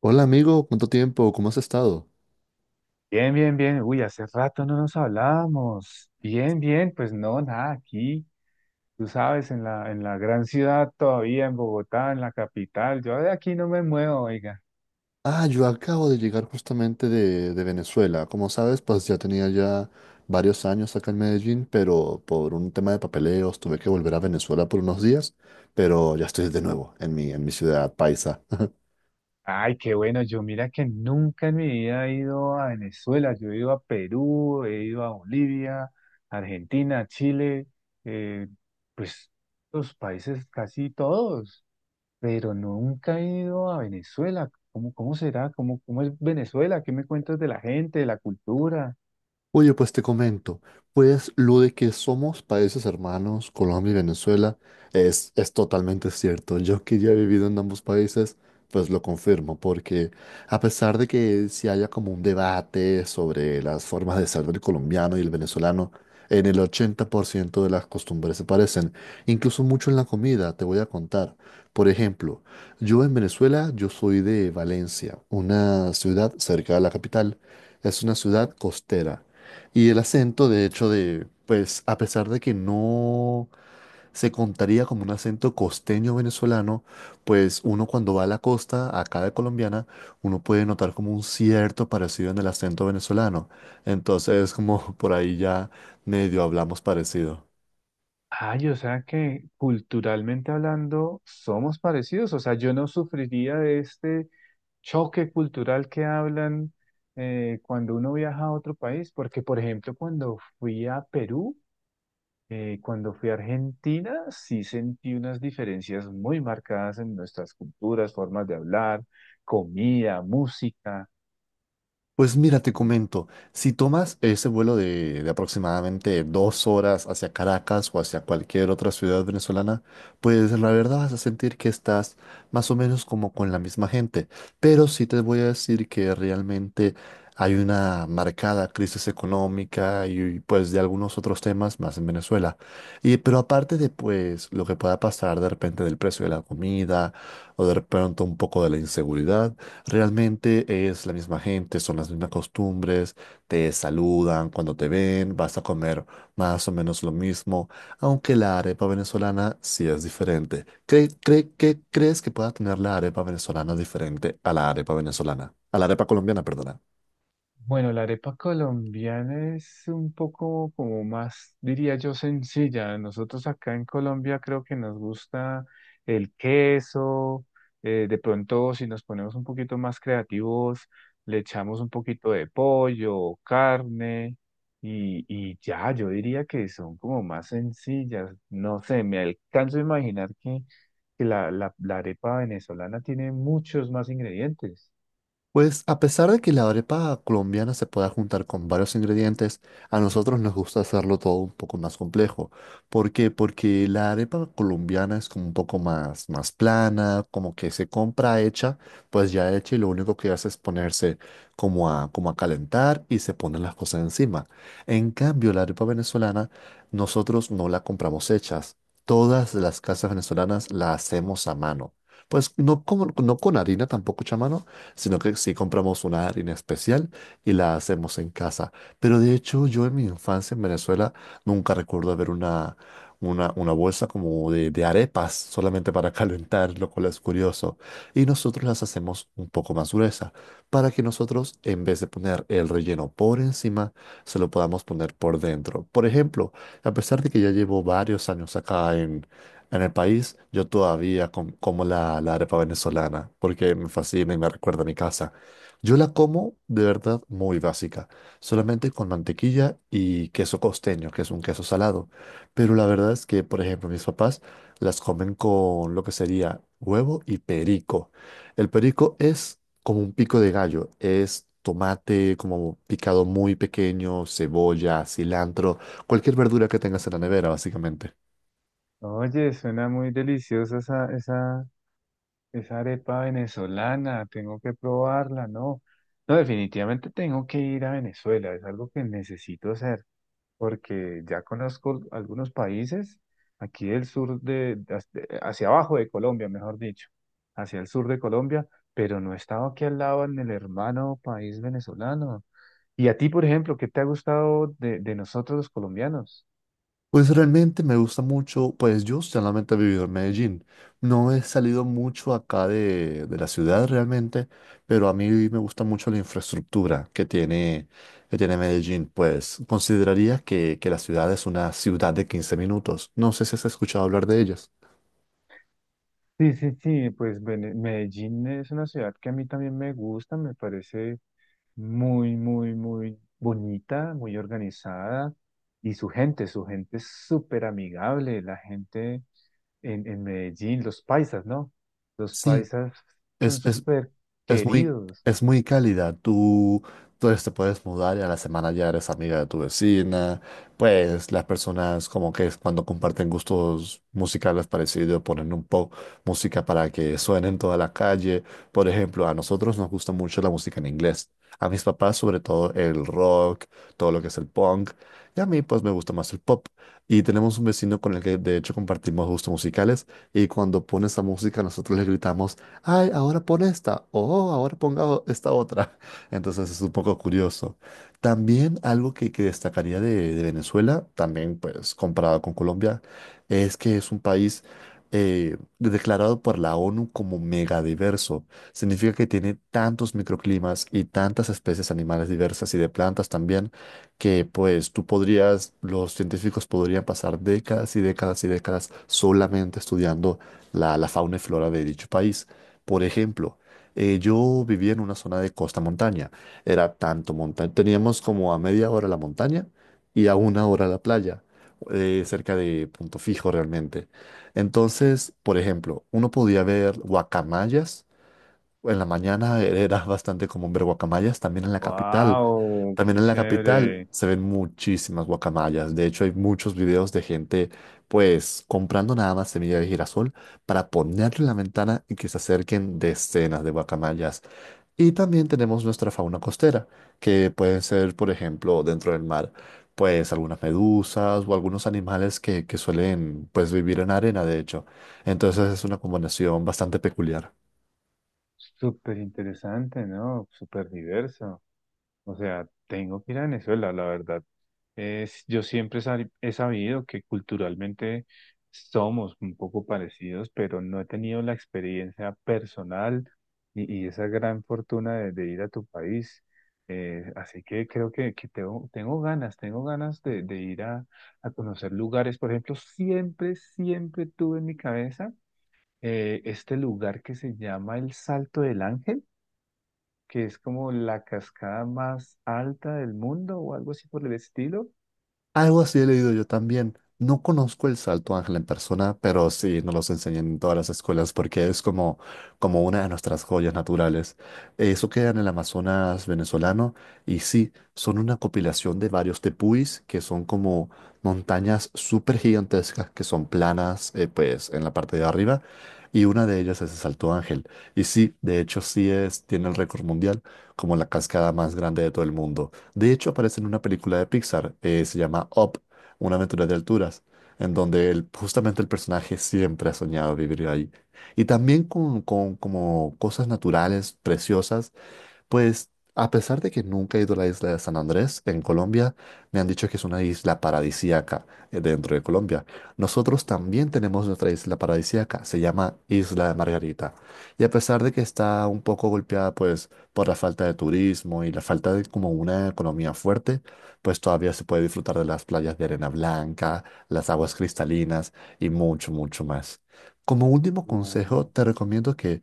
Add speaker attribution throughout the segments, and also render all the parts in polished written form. Speaker 1: Hola amigo, ¿cuánto tiempo? ¿Cómo has estado?
Speaker 2: Bien, bien, bien. Uy, hace rato no nos hablábamos. Bien, bien, pues no, nada, aquí, tú sabes, en la gran ciudad todavía, en Bogotá, en la capital, yo de aquí no me muevo, oiga.
Speaker 1: Ah, yo acabo de llegar justamente de Venezuela. Como sabes, pues ya tenía ya varios años acá en Medellín, pero por un tema de papeleos tuve que volver a Venezuela por unos días, pero ya estoy de nuevo en mi ciudad paisa.
Speaker 2: Ay, qué bueno, yo mira que nunca en mi vida he ido a Venezuela, yo he ido a Perú, he ido a Bolivia, Argentina, Chile, eh, pues los países casi todos. Pero nunca he ido a Venezuela. ¿Cómo será? ¿Cómo es Venezuela? ¿Qué me cuentas de la gente, de la cultura?
Speaker 1: Oye, pues te comento, pues lo de que somos países hermanos, Colombia y Venezuela, es totalmente cierto. Yo que ya he vivido en ambos países, pues lo confirmo, porque a pesar de que si haya como un debate sobre las formas de ser del colombiano y el venezolano, en el 80% de las costumbres se parecen, incluso mucho en la comida, te voy a contar. Por ejemplo, yo en Venezuela, yo soy de Valencia, una ciudad cerca de la capital. Es una ciudad costera. Y el acento, de hecho, de, pues, a pesar de que no se contaría como un acento costeño venezolano, pues uno cuando va a la costa, acá de colombiana, uno puede notar como un cierto parecido en el acento venezolano. Entonces, como por ahí ya medio hablamos parecido.
Speaker 2: Ay, o sea que culturalmente hablando somos parecidos, o sea, yo no sufriría de este choque cultural que hablan cuando uno viaja a otro país, porque por ejemplo cuando fui a Perú, cuando fui a Argentina, sí sentí unas diferencias muy marcadas en nuestras culturas, formas de hablar, comida, música.
Speaker 1: Pues mira, te comento, si tomas ese vuelo de aproximadamente 2 horas hacia Caracas o hacia cualquier otra ciudad venezolana, pues la verdad vas a sentir que estás más o menos como con la misma gente. Pero sí te voy a decir que realmente hay una marcada crisis económica y pues de algunos otros temas más en Venezuela. Y, pero aparte de pues lo que pueda pasar de repente del precio de la comida o de pronto un poco de la inseguridad. Realmente es la misma gente, son las mismas costumbres, te saludan cuando te ven, vas a comer más o menos lo mismo, aunque la arepa venezolana sí es diferente. Qué crees que pueda tener la arepa venezolana diferente a la arepa venezolana? A la arepa colombiana, perdona.
Speaker 2: Bueno, la arepa colombiana es un poco como más, diría yo, sencilla. Nosotros acá en Colombia creo que nos gusta el queso. De pronto, si nos ponemos un poquito más creativos, le echamos un poquito de pollo, carne y ya, yo diría que son como más sencillas. No sé, me alcanzo a imaginar que, que la arepa venezolana tiene muchos más ingredientes.
Speaker 1: Pues a pesar de que la arepa colombiana se pueda juntar con varios ingredientes, a nosotros nos gusta hacerlo todo un poco más complejo. ¿Por qué? Porque la arepa colombiana es como un poco más, más plana, como que se compra hecha, pues ya hecha y lo único que hace es ponerse como a, como a calentar y se ponen las cosas encima. En cambio, la arepa venezolana nosotros no la compramos hechas. Todas las casas venezolanas la hacemos a mano. Pues no, como, no con harina tampoco hecha a mano, sino que sí compramos una harina especial y la hacemos en casa. Pero de hecho, yo en mi infancia en Venezuela nunca recuerdo haber una, una bolsa como de arepas solamente para calentar, lo cual es curioso. Y nosotros las hacemos un poco más gruesa para que nosotros, en vez de poner el relleno por encima, se lo podamos poner por dentro. Por ejemplo, a pesar de que ya llevo varios años acá en el país yo todavía como la arepa venezolana porque me fascina y me recuerda a mi casa. Yo la como de verdad muy básica, solamente con mantequilla y queso costeño, que es un queso salado. Pero la verdad es que, por ejemplo, mis papás las comen con lo que sería huevo y perico. El perico es como un pico de gallo, es tomate como picado muy pequeño, cebolla, cilantro, cualquier verdura que tengas en la nevera, básicamente.
Speaker 2: Oye, suena muy deliciosa esa arepa venezolana, tengo que probarla, ¿no? No, definitivamente tengo que ir a Venezuela, es algo que necesito hacer, porque ya conozco algunos países, aquí del sur hacia abajo de Colombia, mejor dicho, hacia el sur de Colombia, pero no he estado aquí al lado en el hermano país venezolano. ¿Y a ti, por ejemplo, qué te ha gustado de nosotros los colombianos?
Speaker 1: Pues realmente me gusta mucho, pues yo solamente he vivido en Medellín. No he salido mucho acá de la ciudad realmente, pero a mí me gusta mucho la infraestructura que tiene Medellín. Pues consideraría que la ciudad es una ciudad de 15 minutos. No sé si has escuchado hablar de ellas.
Speaker 2: Sí, sí, sí, pues Medellín es una ciudad que a mí también me gusta, me parece muy, muy, muy bonita, muy organizada y su gente es súper amigable, la gente en Medellín, los paisas, ¿no? Los
Speaker 1: Sí,
Speaker 2: paisas son
Speaker 1: es
Speaker 2: súper
Speaker 1: Es muy,
Speaker 2: queridos.
Speaker 1: es muy cálida. Tú te puedes mudar y a la semana ya eres amiga de tu vecina. Pues las personas como que es cuando comparten gustos musicales parecidos, ponen un poco música para que suene en toda la calle. Por ejemplo, a nosotros nos gusta mucho la música en inglés. A mis papás sobre todo el rock, todo lo que es el punk. Y a mí pues me gusta más el pop. Y tenemos un vecino con el que de hecho compartimos gustos musicales. Y cuando pone esa música nosotros le gritamos ay, ahora pon esta, o ahora esta otra. Entonces es un poco curioso. También algo que destacaría de Venezuela, también pues comparado con Colombia, es que es un país declarado por la ONU como megadiverso. Significa que tiene tantos microclimas y tantas especies animales diversas y de plantas también, que pues tú podrías, los científicos podrían pasar décadas y décadas y décadas solamente estudiando la fauna y flora de dicho país. Por ejemplo, yo vivía en una zona de costa montaña. Era tanto montaña. Teníamos como a 1/2 hora la montaña y a 1 hora la playa, cerca de Punto Fijo realmente. Entonces, por ejemplo, uno podía ver guacamayas en la mañana era bastante común ver guacamayas, también en la capital.
Speaker 2: ¡Wow! ¡Qué
Speaker 1: También en la capital
Speaker 2: chévere!
Speaker 1: se ven muchísimas guacamayas. De hecho, hay muchos videos de gente, pues, comprando nada más semilla de girasol para ponerle en la ventana y que se acerquen decenas de guacamayas. Y también tenemos nuestra fauna costera, que pueden ser, por ejemplo, dentro del mar, pues algunas medusas o algunos animales que suelen, pues, vivir en arena, de hecho. Entonces es una combinación bastante peculiar.
Speaker 2: Súper interesante, ¿no? Súper diverso. O sea, tengo que ir a Venezuela, la verdad. Yo siempre he sabido que culturalmente somos un poco parecidos, pero no he tenido la experiencia personal y esa gran fortuna de ir a tu país. Así que creo que tengo ganas de ir a conocer lugares. Por ejemplo, siempre tuve en mi cabeza este lugar que se llama el Salto del Ángel que es como la cascada más alta del mundo o algo así por el estilo.
Speaker 1: Algo así he leído yo también. No conozco el Salto Ángel en persona, pero sí nos los enseñan en todas las escuelas porque es como, como una de nuestras joyas naturales. Eso queda en el Amazonas venezolano y sí, son una compilación de varios tepuis que son como montañas súper gigantescas que son planas, pues en la parte de arriba y una de ellas es el Salto Ángel. Y sí, de hecho sí es, tiene el récord mundial como la cascada más grande de todo el mundo. De hecho, aparece en una película de Pixar, se llama Up, una aventura de alturas, en donde justamente el personaje siempre ha soñado vivir ahí. Y también con como cosas naturales preciosas pues a pesar de que nunca he ido a la isla de San Andrés en Colombia, me han dicho que es una isla paradisíaca dentro de Colombia. Nosotros también tenemos nuestra isla paradisíaca, se llama Isla de Margarita. Y a pesar de que está un poco golpeada pues por la falta de turismo y la falta de como una economía fuerte, pues todavía se puede disfrutar de las playas de arena blanca, las aguas cristalinas y mucho, mucho más. Como último consejo,
Speaker 2: Mm.
Speaker 1: te recomiendo que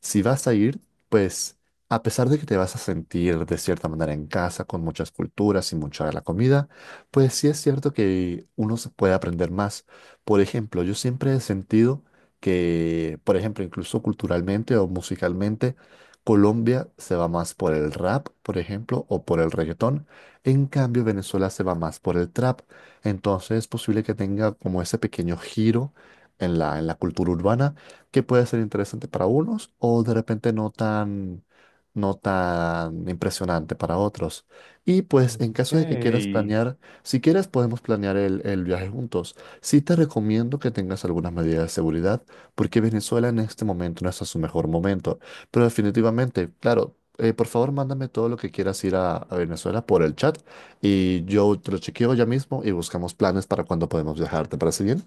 Speaker 1: si vas a ir, pues a pesar de que te vas a sentir de cierta manera en casa, con muchas culturas y mucha de la comida, pues sí es cierto que uno se puede aprender más. Por ejemplo, yo siempre he sentido que, por ejemplo, incluso culturalmente o musicalmente, Colombia se va más por el rap, por ejemplo, o por el reggaetón. En cambio, Venezuela se va más por el trap. Entonces es posible que tenga como ese pequeño giro en la cultura urbana que puede ser interesante para unos o de repente no tan no tan impresionante para otros. Y pues en
Speaker 2: Ok.
Speaker 1: caso de que quieras planear, si quieres podemos planear el viaje juntos. Sí te recomiendo que tengas algunas medidas de seguridad, porque Venezuela en este momento no está en su mejor momento. Pero definitivamente, claro, por favor mándame todo lo que quieras ir a Venezuela por el chat y yo te lo chequeo ya mismo y buscamos planes para cuando podemos viajar. ¿Te parece bien?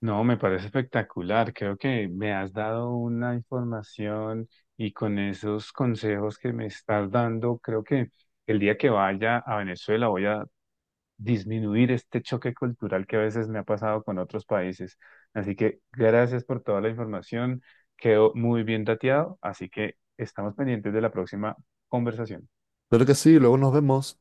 Speaker 2: No, me parece espectacular. Creo que me has dado una información y con esos consejos que me estás dando, creo que el día que vaya a Venezuela voy a disminuir este choque cultural que a veces me ha pasado con otros países. Así que gracias por toda la información. Quedó muy bien dateado, así que estamos pendientes de la próxima conversación.
Speaker 1: Claro que sí, luego nos vemos.